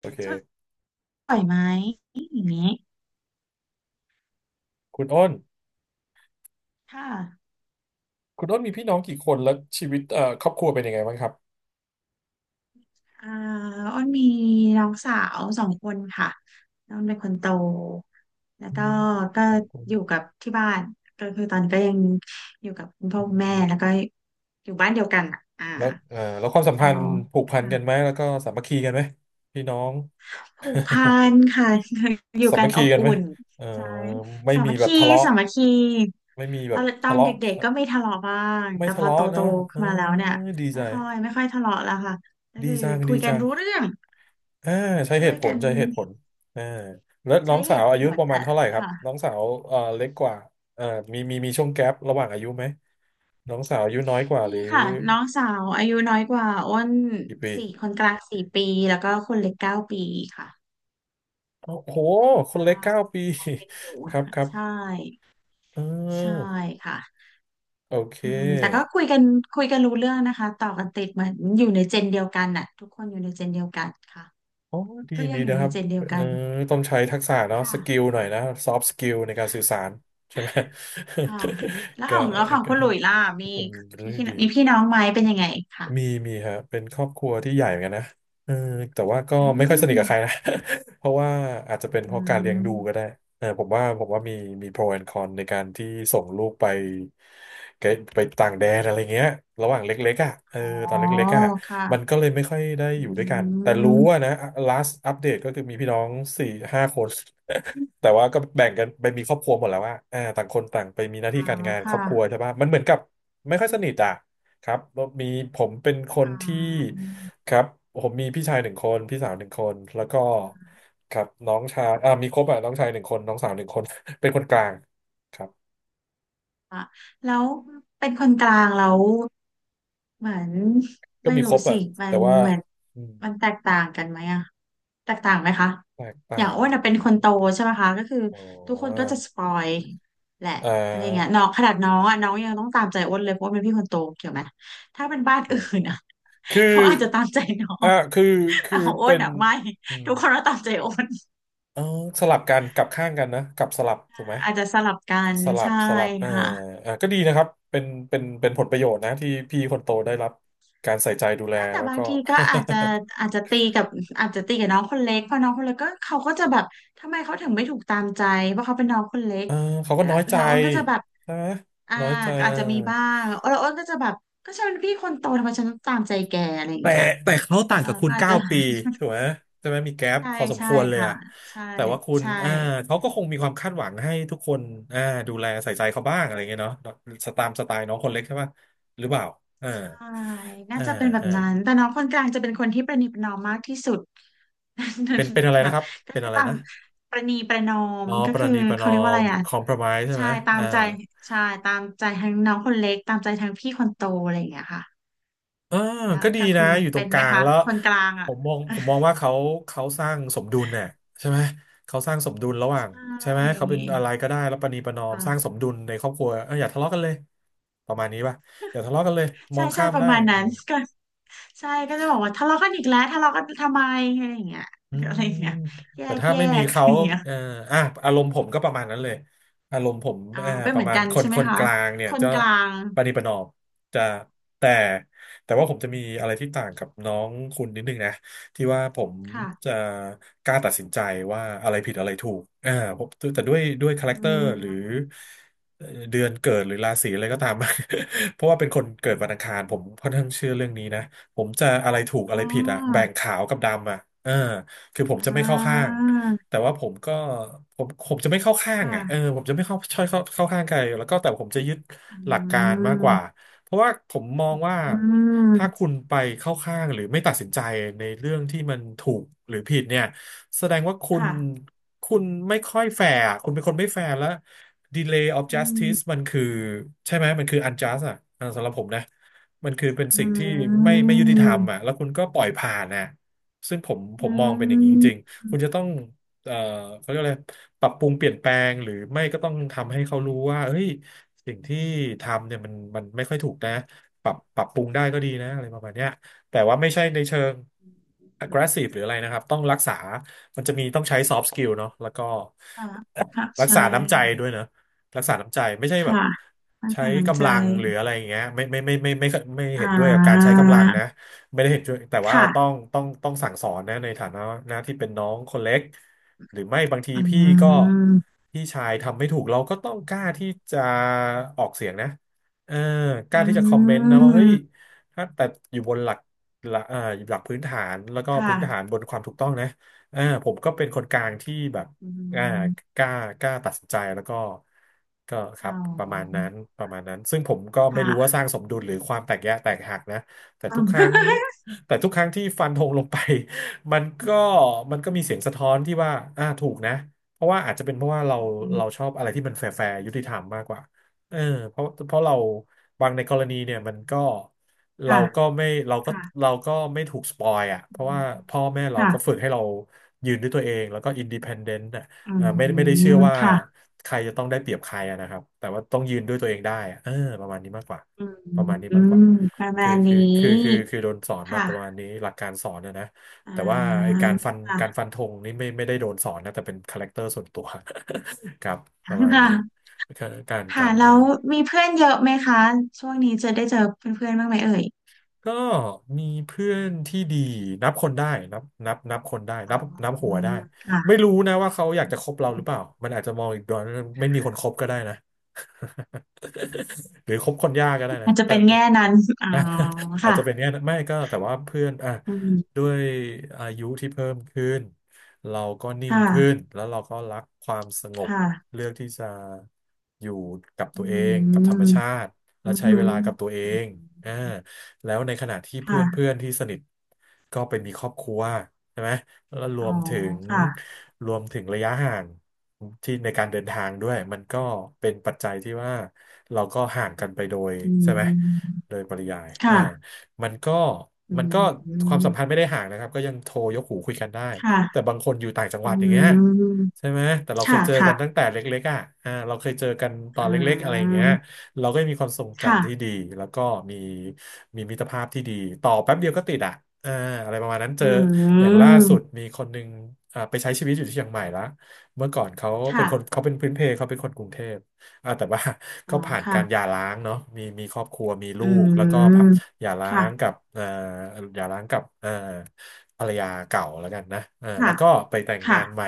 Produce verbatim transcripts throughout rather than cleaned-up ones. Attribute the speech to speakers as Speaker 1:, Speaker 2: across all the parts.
Speaker 1: โอ
Speaker 2: ช่ว
Speaker 1: เค
Speaker 2: ยไหมอย่างนี้
Speaker 1: คุณอ้น
Speaker 2: ค่ะ
Speaker 1: คุณอ้นมีพี่น้องกี่คนแล้วชีวิตเอ่อครอบครัวเป็นยังไงบ้างครับ
Speaker 2: อ่าอ้นมีน้องสาวสองคนค่ะน้องเป็นคนโตแล้ว
Speaker 1: อื
Speaker 2: ก็
Speaker 1: ม
Speaker 2: ก็
Speaker 1: ของคุณ
Speaker 2: อยู่กับที่บ้านก็คือตอนนี้ก็ยังอยู่กับคุณพ่อ
Speaker 1: อื
Speaker 2: คุณแม่แล้ว
Speaker 1: ม
Speaker 2: ก็อยู่บ้านเดียวกันอะอ่า
Speaker 1: แล้วเอ่อแล้วความสัมพัน
Speaker 2: เรา
Speaker 1: ธ์ผูกพัน
Speaker 2: ค่ะ
Speaker 1: กันไหมแล้วก็สามัคคีกันไหมพี่น้อง
Speaker 2: ผูกพันค่ะ อยู่
Speaker 1: สา
Speaker 2: กั
Speaker 1: มั
Speaker 2: น
Speaker 1: ค
Speaker 2: อ
Speaker 1: คี
Speaker 2: บ
Speaker 1: กันไห
Speaker 2: อุ่
Speaker 1: ม
Speaker 2: น
Speaker 1: เอ่อ
Speaker 2: ใช่
Speaker 1: ไม่
Speaker 2: สา
Speaker 1: มี
Speaker 2: มัค
Speaker 1: แบบ
Speaker 2: คี
Speaker 1: ทะเลาะ
Speaker 2: สามัคคี
Speaker 1: ไม่มีแบ
Speaker 2: ตอ
Speaker 1: บ
Speaker 2: นตอ
Speaker 1: ทะ
Speaker 2: น
Speaker 1: เลาะ
Speaker 2: เด็ก
Speaker 1: เอ่อ
Speaker 2: ๆก็ไม่ทะเลาะบ้าง
Speaker 1: ไม่
Speaker 2: แต่พ
Speaker 1: ทะ
Speaker 2: อ
Speaker 1: เลาะเน
Speaker 2: โต
Speaker 1: อะ
Speaker 2: ๆ
Speaker 1: เอ
Speaker 2: ขึ้
Speaker 1: อ
Speaker 2: นมาแล้วเนี่ย
Speaker 1: ดีใจ
Speaker 2: ไม่ค่อยไม่ค่อยทะเลาะแล้วค่ะก็
Speaker 1: ดี
Speaker 2: คือ
Speaker 1: จัง
Speaker 2: คุ
Speaker 1: ดี
Speaker 2: ยกัน
Speaker 1: จัง
Speaker 2: รู้เรื่อง
Speaker 1: อ่าใช้
Speaker 2: ช่
Speaker 1: เห
Speaker 2: วย
Speaker 1: ตุผ
Speaker 2: กั
Speaker 1: ล
Speaker 2: น
Speaker 1: ใช้เหตุผลอ่าแล้วน้อ
Speaker 2: ใช้
Speaker 1: ง
Speaker 2: เห
Speaker 1: สาว
Speaker 2: ตุผ
Speaker 1: อายุ
Speaker 2: ล
Speaker 1: ประมาณ
Speaker 2: อ่ะ
Speaker 1: เท่าไหร่ครับ น้
Speaker 2: ค่ะ
Speaker 1: องสาวเอ่อเล็กกว่าเอ่อมีมีมีช่วงแกประหว่างอายุไหม น้องสาวอายุน้อยกว่าห
Speaker 2: มี
Speaker 1: รือ
Speaker 2: ค่ะน้องสาวอายุน้อยกว่าอ้น
Speaker 1: กี่ปี
Speaker 2: สี่คนกลางสี่ปีแล้วก็คนเล็กเก้าปีค่ะ
Speaker 1: โอ้โห ค
Speaker 2: ก
Speaker 1: นเล็กเก้าปี
Speaker 2: ็กันอยู่
Speaker 1: ครับครั บ
Speaker 2: ใช่
Speaker 1: เ
Speaker 2: ใช่
Speaker 1: ออ
Speaker 2: ค่ะ
Speaker 1: โอเค
Speaker 2: อืมแต่ก็คุยกันคุยกันรู้เรื่องนะคะต่อกันติดเหมือนอยู่ในเจนเดียวกันน่ะทุกคนอยู่ในเจนเดียวกันค่ะ
Speaker 1: โอ้ดี
Speaker 2: ทุกอย่า
Speaker 1: ดี
Speaker 2: งอยู่
Speaker 1: นะค
Speaker 2: ใน
Speaker 1: รับ
Speaker 2: เจนเดียว
Speaker 1: เอ
Speaker 2: กั
Speaker 1: อ
Speaker 2: น
Speaker 1: ต้องใช้ทักษะเนาะสกิ
Speaker 2: ค่ะ
Speaker 1: ลหน่อยนะซอฟต์สกิลในการสื่อสารใช่ไหม
Speaker 2: ค่ะแล้ว ข
Speaker 1: ก็
Speaker 2: องแล้วของ
Speaker 1: ก็
Speaker 2: คุณหลุยล่ะมี
Speaker 1: เป็นเรื่
Speaker 2: พี่
Speaker 1: องที่ดี
Speaker 2: มีพี่น้องไหมเป็นยังไงค่ะ
Speaker 1: มีมีฮะเป็นครอบครัวที่ใหญ่เหมือนกันนะเออแต่ว่าก็
Speaker 2: อื
Speaker 1: ไม่ค่อยสนิทกับใครนะ
Speaker 2: ม
Speaker 1: เพราะว่าอาจจะเป็นเพ
Speaker 2: อื
Speaker 1: ราะการเลี้ยงดูก็
Speaker 2: ม
Speaker 1: ได้เออผมว่าผมว่ามีมี pro and con ในการที่ส่งลูกไปไปไปต่างแดนอะไรเงี้ยระหว่างเล็กๆอ่ะเออ
Speaker 2: อ๋อ
Speaker 1: ตอนเล็กๆอ่ะมัน
Speaker 2: ค่ะ
Speaker 1: ก็เลยไม่ค่อยได้อ
Speaker 2: อื
Speaker 1: ยู่ด้วยกันแต่รู้ว่า
Speaker 2: ม
Speaker 1: นะ last update ก็คือมีพี่น้องสี่ห้าคน แต่ว่าก็แบ่งกันไปมีครอบครัวหมดแล้วว่าอ่าต่างคนต่างไปมีหน้า
Speaker 2: อ๋
Speaker 1: ที่
Speaker 2: อ
Speaker 1: การงานคร
Speaker 2: ค่ะ
Speaker 1: อบครัวใช่ปะมันเหมือนกับไม่ค่อยสนิทอ่ะครับมีผมเป็นคน
Speaker 2: อ๋
Speaker 1: ที่
Speaker 2: อ
Speaker 1: ครับผมมีพี่ชายหนึ่งคนพี่สาวหนึ่งคนแล้วก็ครับน้องชายอ่ามีครบอ่ะน้องชายหนึ่งคนน้องสาวหนึ่งคน เป็นคนกลางครับ
Speaker 2: อ่ะแล้วเป็นคนกลางแล้วเหมือน
Speaker 1: ก็
Speaker 2: ไม่
Speaker 1: มีค
Speaker 2: รู้
Speaker 1: รบ
Speaker 2: สิ
Speaker 1: อ่ะ
Speaker 2: มั
Speaker 1: แต่
Speaker 2: น
Speaker 1: ว่า
Speaker 2: เหมือน
Speaker 1: อืม
Speaker 2: มันแตกต่างกันไหมอะแตกต่างไหมคะ
Speaker 1: แตก
Speaker 2: อย่า
Speaker 1: ต่า
Speaker 2: ง
Speaker 1: ง
Speaker 2: อ้วนอะ
Speaker 1: ไหม
Speaker 2: เป็นคนโตใช่ไหมคะก็คือ
Speaker 1: อ๋
Speaker 2: ทุกคนก็
Speaker 1: อ
Speaker 2: จะสปอยแหละ
Speaker 1: อ่
Speaker 2: อะไรเงี้ย
Speaker 1: า
Speaker 2: น้องขนาดน้องอะน้องยังต้องตามใจอ้วนเลยเพราะว่าเป็นพี่คนโตเกี่ยวไหมถ้าเป็นบ้าน
Speaker 1: เดี๋
Speaker 2: อื่
Speaker 1: ยว
Speaker 2: นอะ
Speaker 1: คือ
Speaker 2: เขาอาจจะตามใจน้อ
Speaker 1: อ่า
Speaker 2: ง
Speaker 1: คือ
Speaker 2: แต่
Speaker 1: คือ
Speaker 2: ของอ้ว
Speaker 1: เป็
Speaker 2: น
Speaker 1: น
Speaker 2: อะไม่
Speaker 1: อืม
Speaker 2: ทุกคนก็ตามใจอ้วน
Speaker 1: เออสลับกันกลับข้างกันนะกลับสลับถูกไหม
Speaker 2: อาจจะสลับกัน
Speaker 1: สลับ
Speaker 2: ใช่
Speaker 1: สลับเออ
Speaker 2: ค่ะ
Speaker 1: เออก็ดีนะครับเป็นเป็นเป็นผลประโยชน์นะที่พี่คนโตได้รับการใส่ใจดูแล
Speaker 2: ไม่แต่
Speaker 1: แล้ว
Speaker 2: บาง
Speaker 1: ก็
Speaker 2: ทีก็อาจจะอาจจะตีกับอาจจะตีกับน้องคนเล็กเพราะน้องคนเล็กก็เขาก็จะแบบทำไมเขาถึงไม่ถูกตามใจเพราะเขาเป็นน้องคนเล็ ก
Speaker 1: เออเขาก็
Speaker 2: แล้ว
Speaker 1: น้อยใจ
Speaker 2: แล้วอ้นก็จะแบบ
Speaker 1: ใช่ไหม
Speaker 2: อ่า
Speaker 1: น้อยใจ
Speaker 2: ก็
Speaker 1: เอ
Speaker 2: อา
Speaker 1: อ
Speaker 2: จจะมีบ้างแล้วอ้นก็จะแบบก็ฉันเป็นพี่คนโตทำไมฉันต้องตามใจแกอะไรอย่าง
Speaker 1: แต่
Speaker 2: เงี้ย
Speaker 1: แต่เขาต่าง
Speaker 2: เออ
Speaker 1: กับคุ
Speaker 2: ก็
Speaker 1: ณ
Speaker 2: อาจ
Speaker 1: เก้า
Speaker 2: จะ
Speaker 1: ปีถูกไหม ใช่ไหมมีแก๊ป
Speaker 2: ใช่
Speaker 1: พอสมค
Speaker 2: ใช่
Speaker 1: วรเลย
Speaker 2: ค่ะ
Speaker 1: อะ
Speaker 2: ใช่
Speaker 1: แต่ว่าคุณ
Speaker 2: ใช่
Speaker 1: อ่าเขาก็คงมีความคาดหวังให้ทุกคนอ่าดูแลใส่ใจเขาบ้างอะไรเงี้ยเนาะสตามสไตล์น้องคนเล็กใช่ปะหรือเปล่าเอา
Speaker 2: ใช่น่า
Speaker 1: อ่า
Speaker 2: จะเป็นแบบ
Speaker 1: อ่า
Speaker 2: นั้นแต่น้องคนกลางจะเป็นคนที่ประนีประนอมมากที่สุด
Speaker 1: เป็นเป็นอะไร
Speaker 2: แบ
Speaker 1: นะ
Speaker 2: บ
Speaker 1: ครับ
Speaker 2: ก็
Speaker 1: เป็น
Speaker 2: คือ
Speaker 1: อะไร
Speaker 2: ตาม
Speaker 1: นะ
Speaker 2: ประนีประนอม
Speaker 1: อ๋อ
Speaker 2: ก็
Speaker 1: ป
Speaker 2: คื
Speaker 1: ระ
Speaker 2: อ
Speaker 1: นีประน
Speaker 2: เขา
Speaker 1: อ
Speaker 2: เรียกว่าอะ
Speaker 1: ม
Speaker 2: ไรอ่ะ
Speaker 1: คอม p r o m ไ s e ใช่ไห
Speaker 2: ใช่
Speaker 1: ม
Speaker 2: ตา
Speaker 1: อ่า
Speaker 2: มใจใช่ตามใจทั้งน้องคนเล็กตามใจทั้งพี่คนโตอะไรอย่างเงี้ยค่ะ
Speaker 1: อ่า
Speaker 2: แล้ว
Speaker 1: ก็ดี
Speaker 2: กับคุ
Speaker 1: นะ
Speaker 2: ณ
Speaker 1: อยู่ตร
Speaker 2: เป็
Speaker 1: ง
Speaker 2: น
Speaker 1: ก
Speaker 2: ไหม
Speaker 1: ลาง
Speaker 2: คะ
Speaker 1: แล้ว
Speaker 2: คนกลาง
Speaker 1: ผ
Speaker 2: อ่ะ
Speaker 1: มมองผมมองว่าเขาเขาสร้างสมดุลเนี่ยใช่ไหมเขาสร้างสมดุลระหว่า
Speaker 2: ใช
Speaker 1: งใช่ไหม
Speaker 2: ่
Speaker 1: เขาเป็นอะไรก็ได้แล้วประนีประนอมสร้างส
Speaker 2: ค่ะ
Speaker 1: มดุลในครอบครัวเอออย่าทะเลาะกันเลยประมาณนี้ป่ะอย่าทะเลาะกันเลยม
Speaker 2: ใช่
Speaker 1: อง
Speaker 2: ใช่
Speaker 1: ข้าม
Speaker 2: ประ
Speaker 1: ได้
Speaker 2: มาณนั้น ก็ใช่ก็จะบอกว่าทะเลาะกันอีกแล้วทะเลาะกันทำไมอะไรอย่างเงี้ย
Speaker 1: อื
Speaker 2: อะไร
Speaker 1: ม
Speaker 2: อย่างเงี้ยแย
Speaker 1: แต่
Speaker 2: ก
Speaker 1: ถ้า
Speaker 2: แย
Speaker 1: ไม่มี
Speaker 2: ก อะ
Speaker 1: เขา
Speaker 2: ไรอย่างเงี้ย
Speaker 1: เอ่ออ่ะอารมณ์ผมก็ประมาณนั้นเลย อารมณ์ผม
Speaker 2: อา
Speaker 1: เอ่อ
Speaker 2: เป็น
Speaker 1: ป
Speaker 2: เห
Speaker 1: ระ
Speaker 2: มือน
Speaker 1: มาณ
Speaker 2: กัน
Speaker 1: คน
Speaker 2: ใช่ไห
Speaker 1: ค
Speaker 2: ม
Speaker 1: น
Speaker 2: คะ
Speaker 1: กลางเนี่
Speaker 2: ค
Speaker 1: ย
Speaker 2: น
Speaker 1: จะ
Speaker 2: กลาง
Speaker 1: ประนีประนอมจะแต่แต่ว่าผมจะมีอะไรที่ต่างกับน้องคุณนิดนึงนะที่ว่าผม
Speaker 2: ค่ะ
Speaker 1: จะกล้าตัดสินใจว่าอะไรผิดอะไรถูกอ่าผมแต่ด้วยด้วยคาแร
Speaker 2: อื
Speaker 1: คเตอร์หรือ
Speaker 2: ม
Speaker 1: เอ่อเดือนเกิดหรือราศีอะไรก็ตาม เพราะว่าเป็นคนเกิดวันอังคารผมค่อนข้างเชื่อเรื่องนี้นะผมจะอะไรถูก
Speaker 2: อ๋
Speaker 1: อะไรผิดอะ
Speaker 2: อ
Speaker 1: แบ่งขาวกับดำอะเออ คือผม
Speaker 2: อ่
Speaker 1: จะไม่เข้าข้าง
Speaker 2: า
Speaker 1: แต่ว่าผมก็ผมผมจะไม่เข้าข้างอ่ะเออ
Speaker 2: ค่ะ
Speaker 1: ผมจะไม่เข้าช่อยเข้าเข้าข้างใครแล้วก็แต่ผมจะยึด
Speaker 2: อื
Speaker 1: หลักการมากกว่า
Speaker 2: ม
Speaker 1: เพราะว่าผมมองว่า
Speaker 2: อื
Speaker 1: ถ้า
Speaker 2: ม
Speaker 1: คุณไปเข้าข้างหรือไม่ตัดสินใจในเรื่องที่มันถูกหรือผิดเนี่ยแสดงว่าคุณ
Speaker 2: ค่ะ
Speaker 1: คุณไม่ค่อยแฟร์อะคุณเป็นคนไม่แฟร์แล้ว delay of
Speaker 2: อื
Speaker 1: justice
Speaker 2: ม
Speaker 1: มันคือใช่ไหมมันคือ unjust อ่ะเออสำหรับผมนะมันคือเป็น
Speaker 2: อื
Speaker 1: สิ่งที่ไม่ไม่ยุติธรรม
Speaker 2: ม
Speaker 1: อ่ะแล้วคุณก็ปล่อยผ่านอ่ะ ซึ่งผมผ
Speaker 2: อื
Speaker 1: มมองเป็นอย่างนี้จริง
Speaker 2: ม
Speaker 1: ๆ คุณจะต้องเอ่อเขาเรียกอะไรปรับปรุงเปลี่ยนแปลงหรือไม่ก็ต้องทำให้เขารู้ว่าเฮ้ยสิ่งที่ทำเนี่ยมันมันไม่ค่อยถูกนะปรับปรับปรุงได้ก็ดีนะอะไรประมาณเนี้ยแต่ว่าไม่ใช่ในเชิง aggressive หรืออะไรนะครับ ต้องรักษา มันจะมีต้องใช้ soft skill เนาะแล้วก็
Speaker 2: ค่ะค่ะ
Speaker 1: รัก
Speaker 2: ใช่
Speaker 1: ษาน้ำใจด้วยเนอะรักษาน้ำใจไม่ใช่แบบ
Speaker 2: ค่ะไม่
Speaker 1: ใช้
Speaker 2: ผ่านนใจ
Speaker 1: กำลังหรืออะไรอย่างเงี้ยไม่ไม่ไม่ไม่ไม่ไม่ไม่
Speaker 2: อ่
Speaker 1: เห็นด้วยกับการใช้
Speaker 2: า
Speaker 1: กำลังนะไม่ได้เห็นด้วยแต่ว่าต้อง
Speaker 2: ค่ะ
Speaker 1: ต้องต้องสั่งสอนนะในฐานะนะที่เป็นน้องคนเล็กหรือไม่บางที
Speaker 2: อื
Speaker 1: พี่ก็
Speaker 2: ม
Speaker 1: พี่ชายทำไม่ถูกเราก็ต้องกล้าที่จะออกเสียงนะเออก
Speaker 2: อื
Speaker 1: ล้าที่จะคอมเมนต์นะว่าเฮ้ย
Speaker 2: ม
Speaker 1: ถ้าแต่อยู่บนหลักหลักเอ่อหลักพื้นฐานแล้วก็
Speaker 2: ค
Speaker 1: พื้นฐาน
Speaker 2: ่ะ
Speaker 1: บนความถูกต้องนะเอ่ผมก็เป็นคนกลางที่แบบ
Speaker 2: อื
Speaker 1: อ่า
Speaker 2: ม
Speaker 1: กล้ากล้าตัดสินใจแล้วก็ก็ค
Speaker 2: อ๋
Speaker 1: รับ
Speaker 2: อ
Speaker 1: ประมาณนั้นประมาณนั้นซึ่งผมก็ไม่รู้ว่า
Speaker 2: ค่ะ
Speaker 1: สร้างสมดุลหรือความแตกแยกแตกหักนะแต่ทุกครั้ง แต่ทุกครั้งที่ฟันธงลงไป มันก็มันก็มีเสียงสะท้อนที่ว่าอ่าถูกนะเพราะว่าอาจจะเป็นเพราะว่าเรา
Speaker 2: อื
Speaker 1: เราช
Speaker 2: ม
Speaker 1: อบอะไรที่มันแฟร์แฟร์ยุติธรรมมากกว่าเออเพราะเพราะเราบางในกรณีเนี่ยมันก็เรา
Speaker 2: ค่ะ
Speaker 1: ก็ไม่เราก็
Speaker 2: ค่ะ
Speaker 1: เราก็ไม่ถูกสปอยอ่ะเพ
Speaker 2: อื
Speaker 1: ราะว่า
Speaker 2: ม
Speaker 1: พ่อแม่เราก็ฝึ
Speaker 2: ค่ะ
Speaker 1: กให้เรายืนด้วยตัวเองแล้วก็อินดิเพนเดนต์
Speaker 2: อื
Speaker 1: เอ่อไม่ไม่ได้เชื่อ
Speaker 2: ม
Speaker 1: ว่า
Speaker 2: ค่ะ
Speaker 1: ใครจะต้องได้เปรียบใครอะนะครับแต่ว่าต้องยืนด้วยตัวเองได้อะเออประมาณนี้มากกว่าประมาณนี้
Speaker 2: อื
Speaker 1: มากกว่า
Speaker 2: มประ
Speaker 1: คือ
Speaker 2: มาณนี
Speaker 1: คือคือคือ
Speaker 2: ้
Speaker 1: คือโดนสอนมาประมา
Speaker 2: ค่ะ
Speaker 1: ณนี้หลักการสอนนะนะ
Speaker 2: อ่
Speaker 1: แต่ว่าไอ้
Speaker 2: า
Speaker 1: การฟันการ
Speaker 2: ค่ะ
Speaker 1: ฟันธงนี่ไม่ไม่ได้โดนสอนนะแต่เป็นคาแรคเตอร์ส่วนตัว ครับ
Speaker 2: ค
Speaker 1: ประมาณนี้
Speaker 2: ่ะ
Speaker 1: การกา
Speaker 2: ค่ะ
Speaker 1: ร
Speaker 2: แล้
Speaker 1: เออ
Speaker 2: วมีเพื่อนเยอะไหมคะ ช่วงนี้จะได้เจอเพื่อนๆบ้างไหมเอ่ย
Speaker 1: ก็มีเพื่อนที่ดีนับคนได้นับนับนับคนได้
Speaker 2: อ๋
Speaker 1: นั
Speaker 2: อ
Speaker 1: บนับหัวได้ไม่
Speaker 2: ค่ะ
Speaker 1: รู้นะว่าเขาอยากจะคบเราหรือเปล่ามันอาจจะมองอีกด้านไม่มีคนคบก็ได้นะ หรือคบคนยากก็ได้นะ
Speaker 2: อาจจะ
Speaker 1: แต่
Speaker 2: เป็นแง่นั้นอ๋อ
Speaker 1: อ่ะ อาจ
Speaker 2: ค่ะ
Speaker 1: จะเป็นเนี้ยนะไม่ก็แต่ว่าเพื่อนอ่ะ
Speaker 2: อื
Speaker 1: ด้
Speaker 2: ม
Speaker 1: วยอายุที่เพิ่มขึ้นเราก็นิ่ง
Speaker 2: ค่ะ
Speaker 1: ขึ้นแล้วเราก็รักความสงบ
Speaker 2: ค่ะ
Speaker 1: เลือกที่จะอยู่กับ
Speaker 2: อื
Speaker 1: ตัวเองกับธร
Speaker 2: ม
Speaker 1: รมชาติและ
Speaker 2: อืม
Speaker 1: ใช้เวลากับตัวเอ
Speaker 2: อื
Speaker 1: ง
Speaker 2: ม
Speaker 1: อ่าแล้วในขณะที่เพื่อนเพื่อ
Speaker 2: ค่ะ
Speaker 1: นที่สนิทก็ไปมีครอบครัวใช่ไหม แล้วร
Speaker 2: อ๋อ
Speaker 1: วมถึง
Speaker 2: ค่ะ
Speaker 1: รวมถึงระยะห่างที่ในการเดินทางด้วยมันก็เป็นปัจจัยที่ว่าเราก็ห่างกันไปโดย
Speaker 2: อื
Speaker 1: ใช่ไหม
Speaker 2: ม
Speaker 1: โดยปริยายอ่า
Speaker 2: ค่ะ
Speaker 1: มันก็
Speaker 2: อื
Speaker 1: มันก็ความ
Speaker 2: ม
Speaker 1: สัมพันธ์ไม่ได้ห่างนะครับก็ยังโทรยกหูคุยกันได้
Speaker 2: ค
Speaker 1: แต่
Speaker 2: ่ะ
Speaker 1: บางคนอยู่ต่างจังห
Speaker 2: อื
Speaker 1: วัดอย่างเงี้ย
Speaker 2: ม
Speaker 1: ใช่ไหมแต่เราเค
Speaker 2: ค่ะ
Speaker 1: ยเจอ
Speaker 2: ค่ะ
Speaker 1: กันตั้งแต่เล็กๆอ่ะอ่าเราเคยเจอกันตอ
Speaker 2: อื
Speaker 1: นเล็กๆอะไรอย่างเงี้ย
Speaker 2: ม
Speaker 1: เราก็มีความทรง
Speaker 2: ค่ะ
Speaker 1: จำที่ดีแล้วก็มีมีมิตรภาพที่ดีต่อแป๊บเดียวก็ติดอ่ะอ่าอะไรประมาณนั้นเจ
Speaker 2: อื
Speaker 1: อ อย่างล่าสุ
Speaker 2: ม
Speaker 1: ดมีคนหนึ่งอ่าไปใช้ชีวิตอยู่ที่เชียงใหม่ละเมื่อก่อนเขาเป็นคน
Speaker 2: ค่ะ
Speaker 1: เขาเป็นพื้นเพเขาเป็นคนกรุงเทพอ่าแต่ว่า
Speaker 2: อ๋อ
Speaker 1: กาผ่านการหย่า
Speaker 2: ค่ะ
Speaker 1: ร้างเนาะมีมีครอบครัวมีลู
Speaker 2: อื
Speaker 1: กแล้วก็พ่า
Speaker 2: ม
Speaker 1: หย่าร้างกั
Speaker 2: ค่ะ
Speaker 1: บเอ่อหย่าร้างกับเอ่อภรรยาเก่าแล้วกันนะเอ่าแล้
Speaker 2: ค่ะ
Speaker 1: วก็ไปแต่ง
Speaker 2: ค่ะ
Speaker 1: งานใหม่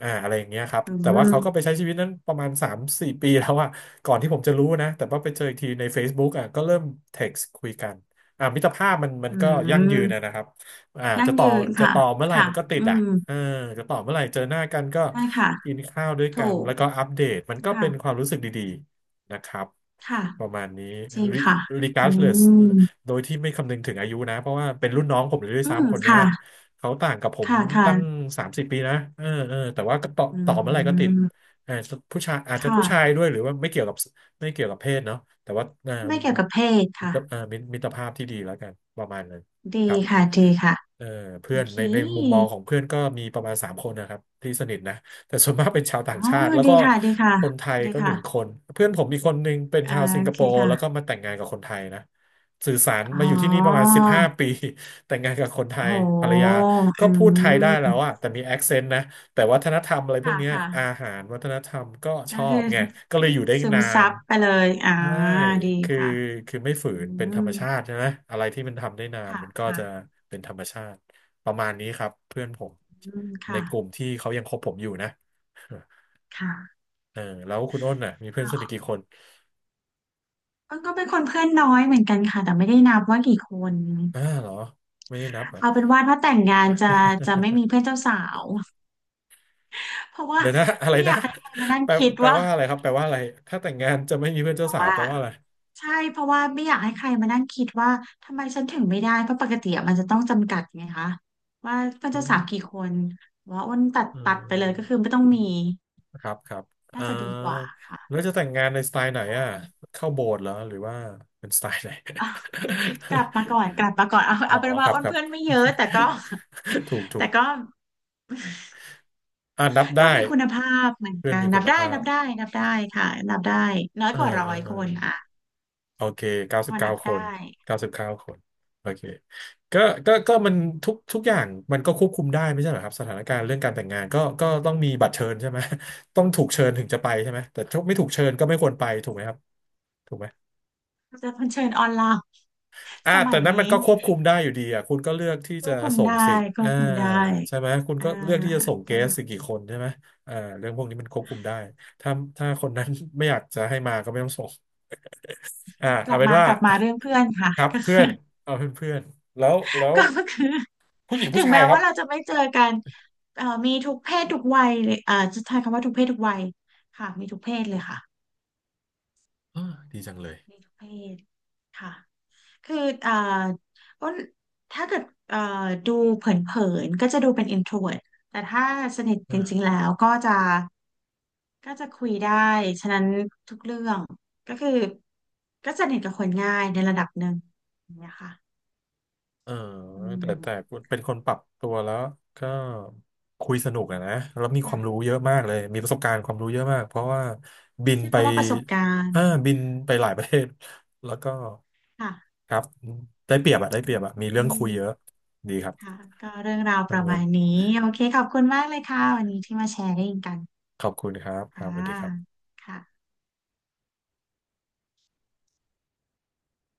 Speaker 1: อ่าอะไรอย่างเงี้ยครับ
Speaker 2: อื
Speaker 1: แต่ว่า
Speaker 2: ม
Speaker 1: เขาก็ไปใช้ชีวิตนั้นประมาณสามสี่ปีแล้วอะก่อนที่ผมจะรู้นะแต่ว่าไปเจออีกทีใน Facebook อ่ะก็เริ่มเท็กซ์คุยกันอ่ามิตรภาพมันมัน
Speaker 2: อื
Speaker 1: ก็ยั่งยืนนะ
Speaker 2: ม
Speaker 1: นะครับ อ่า
Speaker 2: ยั่
Speaker 1: จะ
Speaker 2: ง
Speaker 1: ต่อ
Speaker 2: ยืน
Speaker 1: จะ
Speaker 2: ค่ะ
Speaker 1: ต่อเมื่อไหร่
Speaker 2: ค่ะ
Speaker 1: มันก็ติด
Speaker 2: อื
Speaker 1: อ่ะ
Speaker 2: ม
Speaker 1: เออจะต่อเมื่อไหร่เจอหน้ากันก็
Speaker 2: ได้ค่ะ
Speaker 1: กินข้าวด้วยกั
Speaker 2: ถู
Speaker 1: น
Speaker 2: ก
Speaker 1: แล้วก็อัปเดตมันก็เป็นค
Speaker 2: ค่ะ
Speaker 1: วามรู้สึกดีๆนะครับ
Speaker 2: ค่ะ
Speaker 1: ประมาณนี้
Speaker 2: จริง
Speaker 1: re-
Speaker 2: ค่ะอื
Speaker 1: regardless
Speaker 2: ม
Speaker 1: โดยที่ไม่คำนึงถึงอายุนะเพราะว่าเป็นรุ่นน้องผมเลยด้วย
Speaker 2: อืม
Speaker 1: ซ้ำคนเนี้ย
Speaker 2: ค่ะ
Speaker 1: เขาต่างกับผม
Speaker 2: ค่ะค่ะ
Speaker 1: ตั้งสามสิบปีนะเออเออแต่ว่าก็ต่อ
Speaker 2: อื
Speaker 1: ต่อเมื่อไหร่ก็ติด
Speaker 2: ม
Speaker 1: เออผู้ชายอาจจะ
Speaker 2: ค่ะ
Speaker 1: ผู้ชายด้วยหรือว่าไม่เกี่ยวกับไม่เกี่ยวกับเพศเนาะแต่ว่าเออ
Speaker 2: ไม่เกี่ยวกับเพศ
Speaker 1: มิตร
Speaker 2: ค่ะ
Speaker 1: เออมิตรมิตรภาพที่ดีแล้วกันประมาณนั้น
Speaker 2: ดี
Speaker 1: ครับ
Speaker 2: ค่ะดีค่ะ
Speaker 1: เออ
Speaker 2: โอ
Speaker 1: เพื่อน
Speaker 2: เค
Speaker 1: ในในมุมมองของเพื่อนก็มีประมาณสามคนนะครับที่สนิทนะแต่ส่วนมากเป็นชาว
Speaker 2: อ๋
Speaker 1: ต่า
Speaker 2: อ
Speaker 1: งชาติแล้ว
Speaker 2: ดี
Speaker 1: ก็
Speaker 2: ค่ะดีค่ะ
Speaker 1: คนไทย
Speaker 2: ดี
Speaker 1: ก็หนึ่งค
Speaker 2: ค่ะ
Speaker 1: นเพื่อนผมมีคนหนึ่งเป็น
Speaker 2: อ่า
Speaker 1: ชาวสิง
Speaker 2: โอ
Speaker 1: คโป
Speaker 2: เค
Speaker 1: ร์แล้วก็
Speaker 2: ค่ะ
Speaker 1: มาแต่งงานกับคนไทยนะสื่อสาร
Speaker 2: อ๋
Speaker 1: มา
Speaker 2: อ
Speaker 1: อยู่ที่นี่ประมาณสิบห้าปี แต่งงานกับคนไท
Speaker 2: โ
Speaker 1: ยภรร
Speaker 2: ห
Speaker 1: ยาก็
Speaker 2: อื
Speaker 1: พูดไทยได้แล้ว
Speaker 2: ม
Speaker 1: อะแต่มีแอคเซนต์นะ แต่วัฒนธรรมอะไรพวก
Speaker 2: ค่ะ
Speaker 1: เนี้ย
Speaker 2: ค่ะ
Speaker 1: อาหารวัฒนธรรมก็ช
Speaker 2: ก็
Speaker 1: อ
Speaker 2: คื
Speaker 1: บ
Speaker 2: อ
Speaker 1: ไงก็เลยอยู่ได้
Speaker 2: ซึม
Speaker 1: นา
Speaker 2: ซั
Speaker 1: น
Speaker 2: บไปเลยอ่า
Speaker 1: ใช่
Speaker 2: ดี
Speaker 1: คือ
Speaker 2: ค่ะ
Speaker 1: คือไม่ฝื
Speaker 2: อื
Speaker 1: นเป็นธร
Speaker 2: ม
Speaker 1: รมชาติใช่ไหมอะไรที่มันทำได้นาน
Speaker 2: ค่ะ
Speaker 1: มันก็
Speaker 2: ค่ะ
Speaker 1: จะเป็นธรรมชาติประมาณนี้ครับเพื่อนผม
Speaker 2: อืม
Speaker 1: ใน
Speaker 2: ค่ะ
Speaker 1: กลุ่มที่เขายังคบผมอยู่นะ
Speaker 2: ค่ะ
Speaker 1: เออแล้วคุณอ้นน่ะมีเพื่อนสนิท
Speaker 2: อ่า
Speaker 1: กี่คน
Speaker 2: ก็ก็เป็นคนเพื่อนน้อยเหมือนกันค่ะแต่ไม่ได้นับว่ากี่คน
Speaker 1: อ่าเหรอไม่ได้นับเหรอ
Speaker 2: เอาเป็น ว่าถ้าแต่งงานจะจะไม่มีเพื่อนเจ้าสาว เพราะว่า
Speaker 1: เดี๋ยวนะอะไร
Speaker 2: ไม่อ
Speaker 1: นะ
Speaker 2: ยากให้ใครมานั่ง
Speaker 1: แปล
Speaker 2: คิด
Speaker 1: แปล
Speaker 2: ว่า
Speaker 1: ว่าอะไรครับแปลว่าอะไรถ้าแต่งงานจะไม่มีเพื่อน
Speaker 2: เพ
Speaker 1: เจ้า
Speaker 2: ราะ
Speaker 1: สาว
Speaker 2: ว่า
Speaker 1: แปลว่าอะไร
Speaker 2: ใช่เพราะว่าไม่อยากให้ใครมานั่งคิดว่าทำไมฉันถึงไม่ได้เพราะปกติอะมันจะต้องจำกัดไงคะว่ามัน
Speaker 1: อื
Speaker 2: จะสาวกี่
Speaker 1: ม
Speaker 2: คนว่าอ้นตัด
Speaker 1: อื
Speaker 2: ตัดไปเล
Speaker 1: ม
Speaker 2: ยก็คือไม่ต้องมี
Speaker 1: ครับครับอ่า
Speaker 2: น่าจะดีกว่าค่ะ
Speaker 1: แล้วจะแต่งงานในสไตล์ไหน
Speaker 2: ใช่
Speaker 1: อ่ะเข้าโบสถ์เหรอหรือว่าเป็นสไตล์ไหน
Speaker 2: อ่ะกลับมาก่อนกลับมาก่อนเอา
Speaker 1: อ๋อ
Speaker 2: เอาเป็น
Speaker 1: ค
Speaker 2: ว่า
Speaker 1: รับ
Speaker 2: อ้
Speaker 1: ค
Speaker 2: น
Speaker 1: รับ
Speaker 2: เพื่อนไม่เยอะแต่ก็
Speaker 1: ถูกถู
Speaker 2: แต่
Speaker 1: ก
Speaker 2: ก็
Speaker 1: อ่านับได้
Speaker 2: ก็มีคุณภาพเหมือน
Speaker 1: เพื่อน
Speaker 2: กัน
Speaker 1: มีคุ
Speaker 2: นับ
Speaker 1: ณ
Speaker 2: ได้
Speaker 1: ภา
Speaker 2: นั
Speaker 1: พ
Speaker 2: บได้นับได้ค่ะนับได้น้อย
Speaker 1: เออ
Speaker 2: กว่าร้
Speaker 1: เอ
Speaker 2: อ
Speaker 1: อ
Speaker 2: ย
Speaker 1: เออ
Speaker 2: คนอ่ะ
Speaker 1: โอเคเก้า
Speaker 2: พ
Speaker 1: สิ
Speaker 2: อ
Speaker 1: บเก้า
Speaker 2: นับ
Speaker 1: ค
Speaker 2: ได้
Speaker 1: นเก้าสิบเก้าคนโอเคก็ก็ก็มันทุกทุกอย่างมันก็ควบคุมได้ไม่ใช่เหรอครับสถานการณ์เรื่องการแต่งงานก็ก็ต้องมีบัตรเชิญใช่ไหม ต้องถูกเชิญถึงจะไปใช่ไหมแต่ถ้าไม่ถูกเชิญก็ไม่ควรไปถูกไหมครับถูกไหม
Speaker 2: จะเผชิญออนไลน์
Speaker 1: อ่า
Speaker 2: สมั
Speaker 1: แต่
Speaker 2: ย
Speaker 1: นั้นมัน
Speaker 2: นี้
Speaker 1: ก็ควบคุมได้อยู่ดีอ่ะคุณก็เลือกที่
Speaker 2: คว
Speaker 1: จะ
Speaker 2: บคุม
Speaker 1: ส่ง
Speaker 2: ได้
Speaker 1: สิ
Speaker 2: คว
Speaker 1: อ่า
Speaker 2: บคุมได้
Speaker 1: ใช่ไหมคุณ
Speaker 2: อ่า
Speaker 1: ก็เลือกที่จะส่งเก
Speaker 2: อ่า
Speaker 1: สสิกี่คนใช่ไหมอ่าเรื่องพวกนี้มันควบคุมได้ถ้าถ้าคนนั้น ไม่อยากจะให้มาก็ไม่ต้องส่งอ่า
Speaker 2: กลั
Speaker 1: เอา
Speaker 2: บ
Speaker 1: เป็น
Speaker 2: มา
Speaker 1: ว่า
Speaker 2: กลับมาเรื่องเพื่อนค่ะ
Speaker 1: ครับ
Speaker 2: ก็
Speaker 1: เพื่อนเอาเพื่อนเพื่อนแล้วแล้ ว
Speaker 2: ก็คือ
Speaker 1: ผู้หญิง
Speaker 2: ถึ
Speaker 1: ผู้
Speaker 2: ง
Speaker 1: ชาย
Speaker 2: แม้
Speaker 1: ครั
Speaker 2: ว่า
Speaker 1: บ
Speaker 2: เราจะไม่เจอกันเอ่อมีทุกเพศทุกวัยเลยเอ่อจะใช้คำว่าทุกเพศทุกวัยค่ะมีทุกเพศเลยค่ะ
Speaker 1: อาดีจังเลย
Speaker 2: มีทุกเพศค่ะ คืออ่าอ้นถ้าเกิดอ่าดูเผินๆก็จะดูเป็น introvert แต่ถ้าสนิทจริงๆ
Speaker 1: อ่า
Speaker 2: แล้วก็จะก็จะคุยได้ฉะนั้นทุกเรื่องก็คือก็สนิทกับคนง่ายในระดับหนึ่งอย่างเงี้ยค่ะ
Speaker 1: เออ
Speaker 2: อืม
Speaker 1: แต่แต่เป็นคนปรับตัวแล้วก็คุยสนุกอะนะแล้วมีความรู้
Speaker 2: ค่ะ
Speaker 1: เยอะมากเลยมีประสบการณ์ความรู้เยอะมากเพราะว่าบิน
Speaker 2: ใช้
Speaker 1: ไป
Speaker 2: คำว่าประสบการ
Speaker 1: อ่า
Speaker 2: ณ์
Speaker 1: บินไปหลายประเทศแล้วก็
Speaker 2: ค่ะ
Speaker 1: ครับได้เปรียบอะได้เป
Speaker 2: โอ
Speaker 1: รียบอะมีเรื่องคุยเย
Speaker 2: เค
Speaker 1: อะดีครับ
Speaker 2: ค่ะก็เรื่องราว
Speaker 1: ข
Speaker 2: ป
Speaker 1: อบ
Speaker 2: ระ
Speaker 1: คุ
Speaker 2: มาณ
Speaker 1: ณ
Speaker 2: นี้โอเคขอบคุณมากเลยค่ะวันนี้ที่มาแชร์กัน
Speaker 1: ขอบคุณครับครั
Speaker 2: ค่ะ
Speaker 1: บสวัสดีครับ
Speaker 2: ค่ะ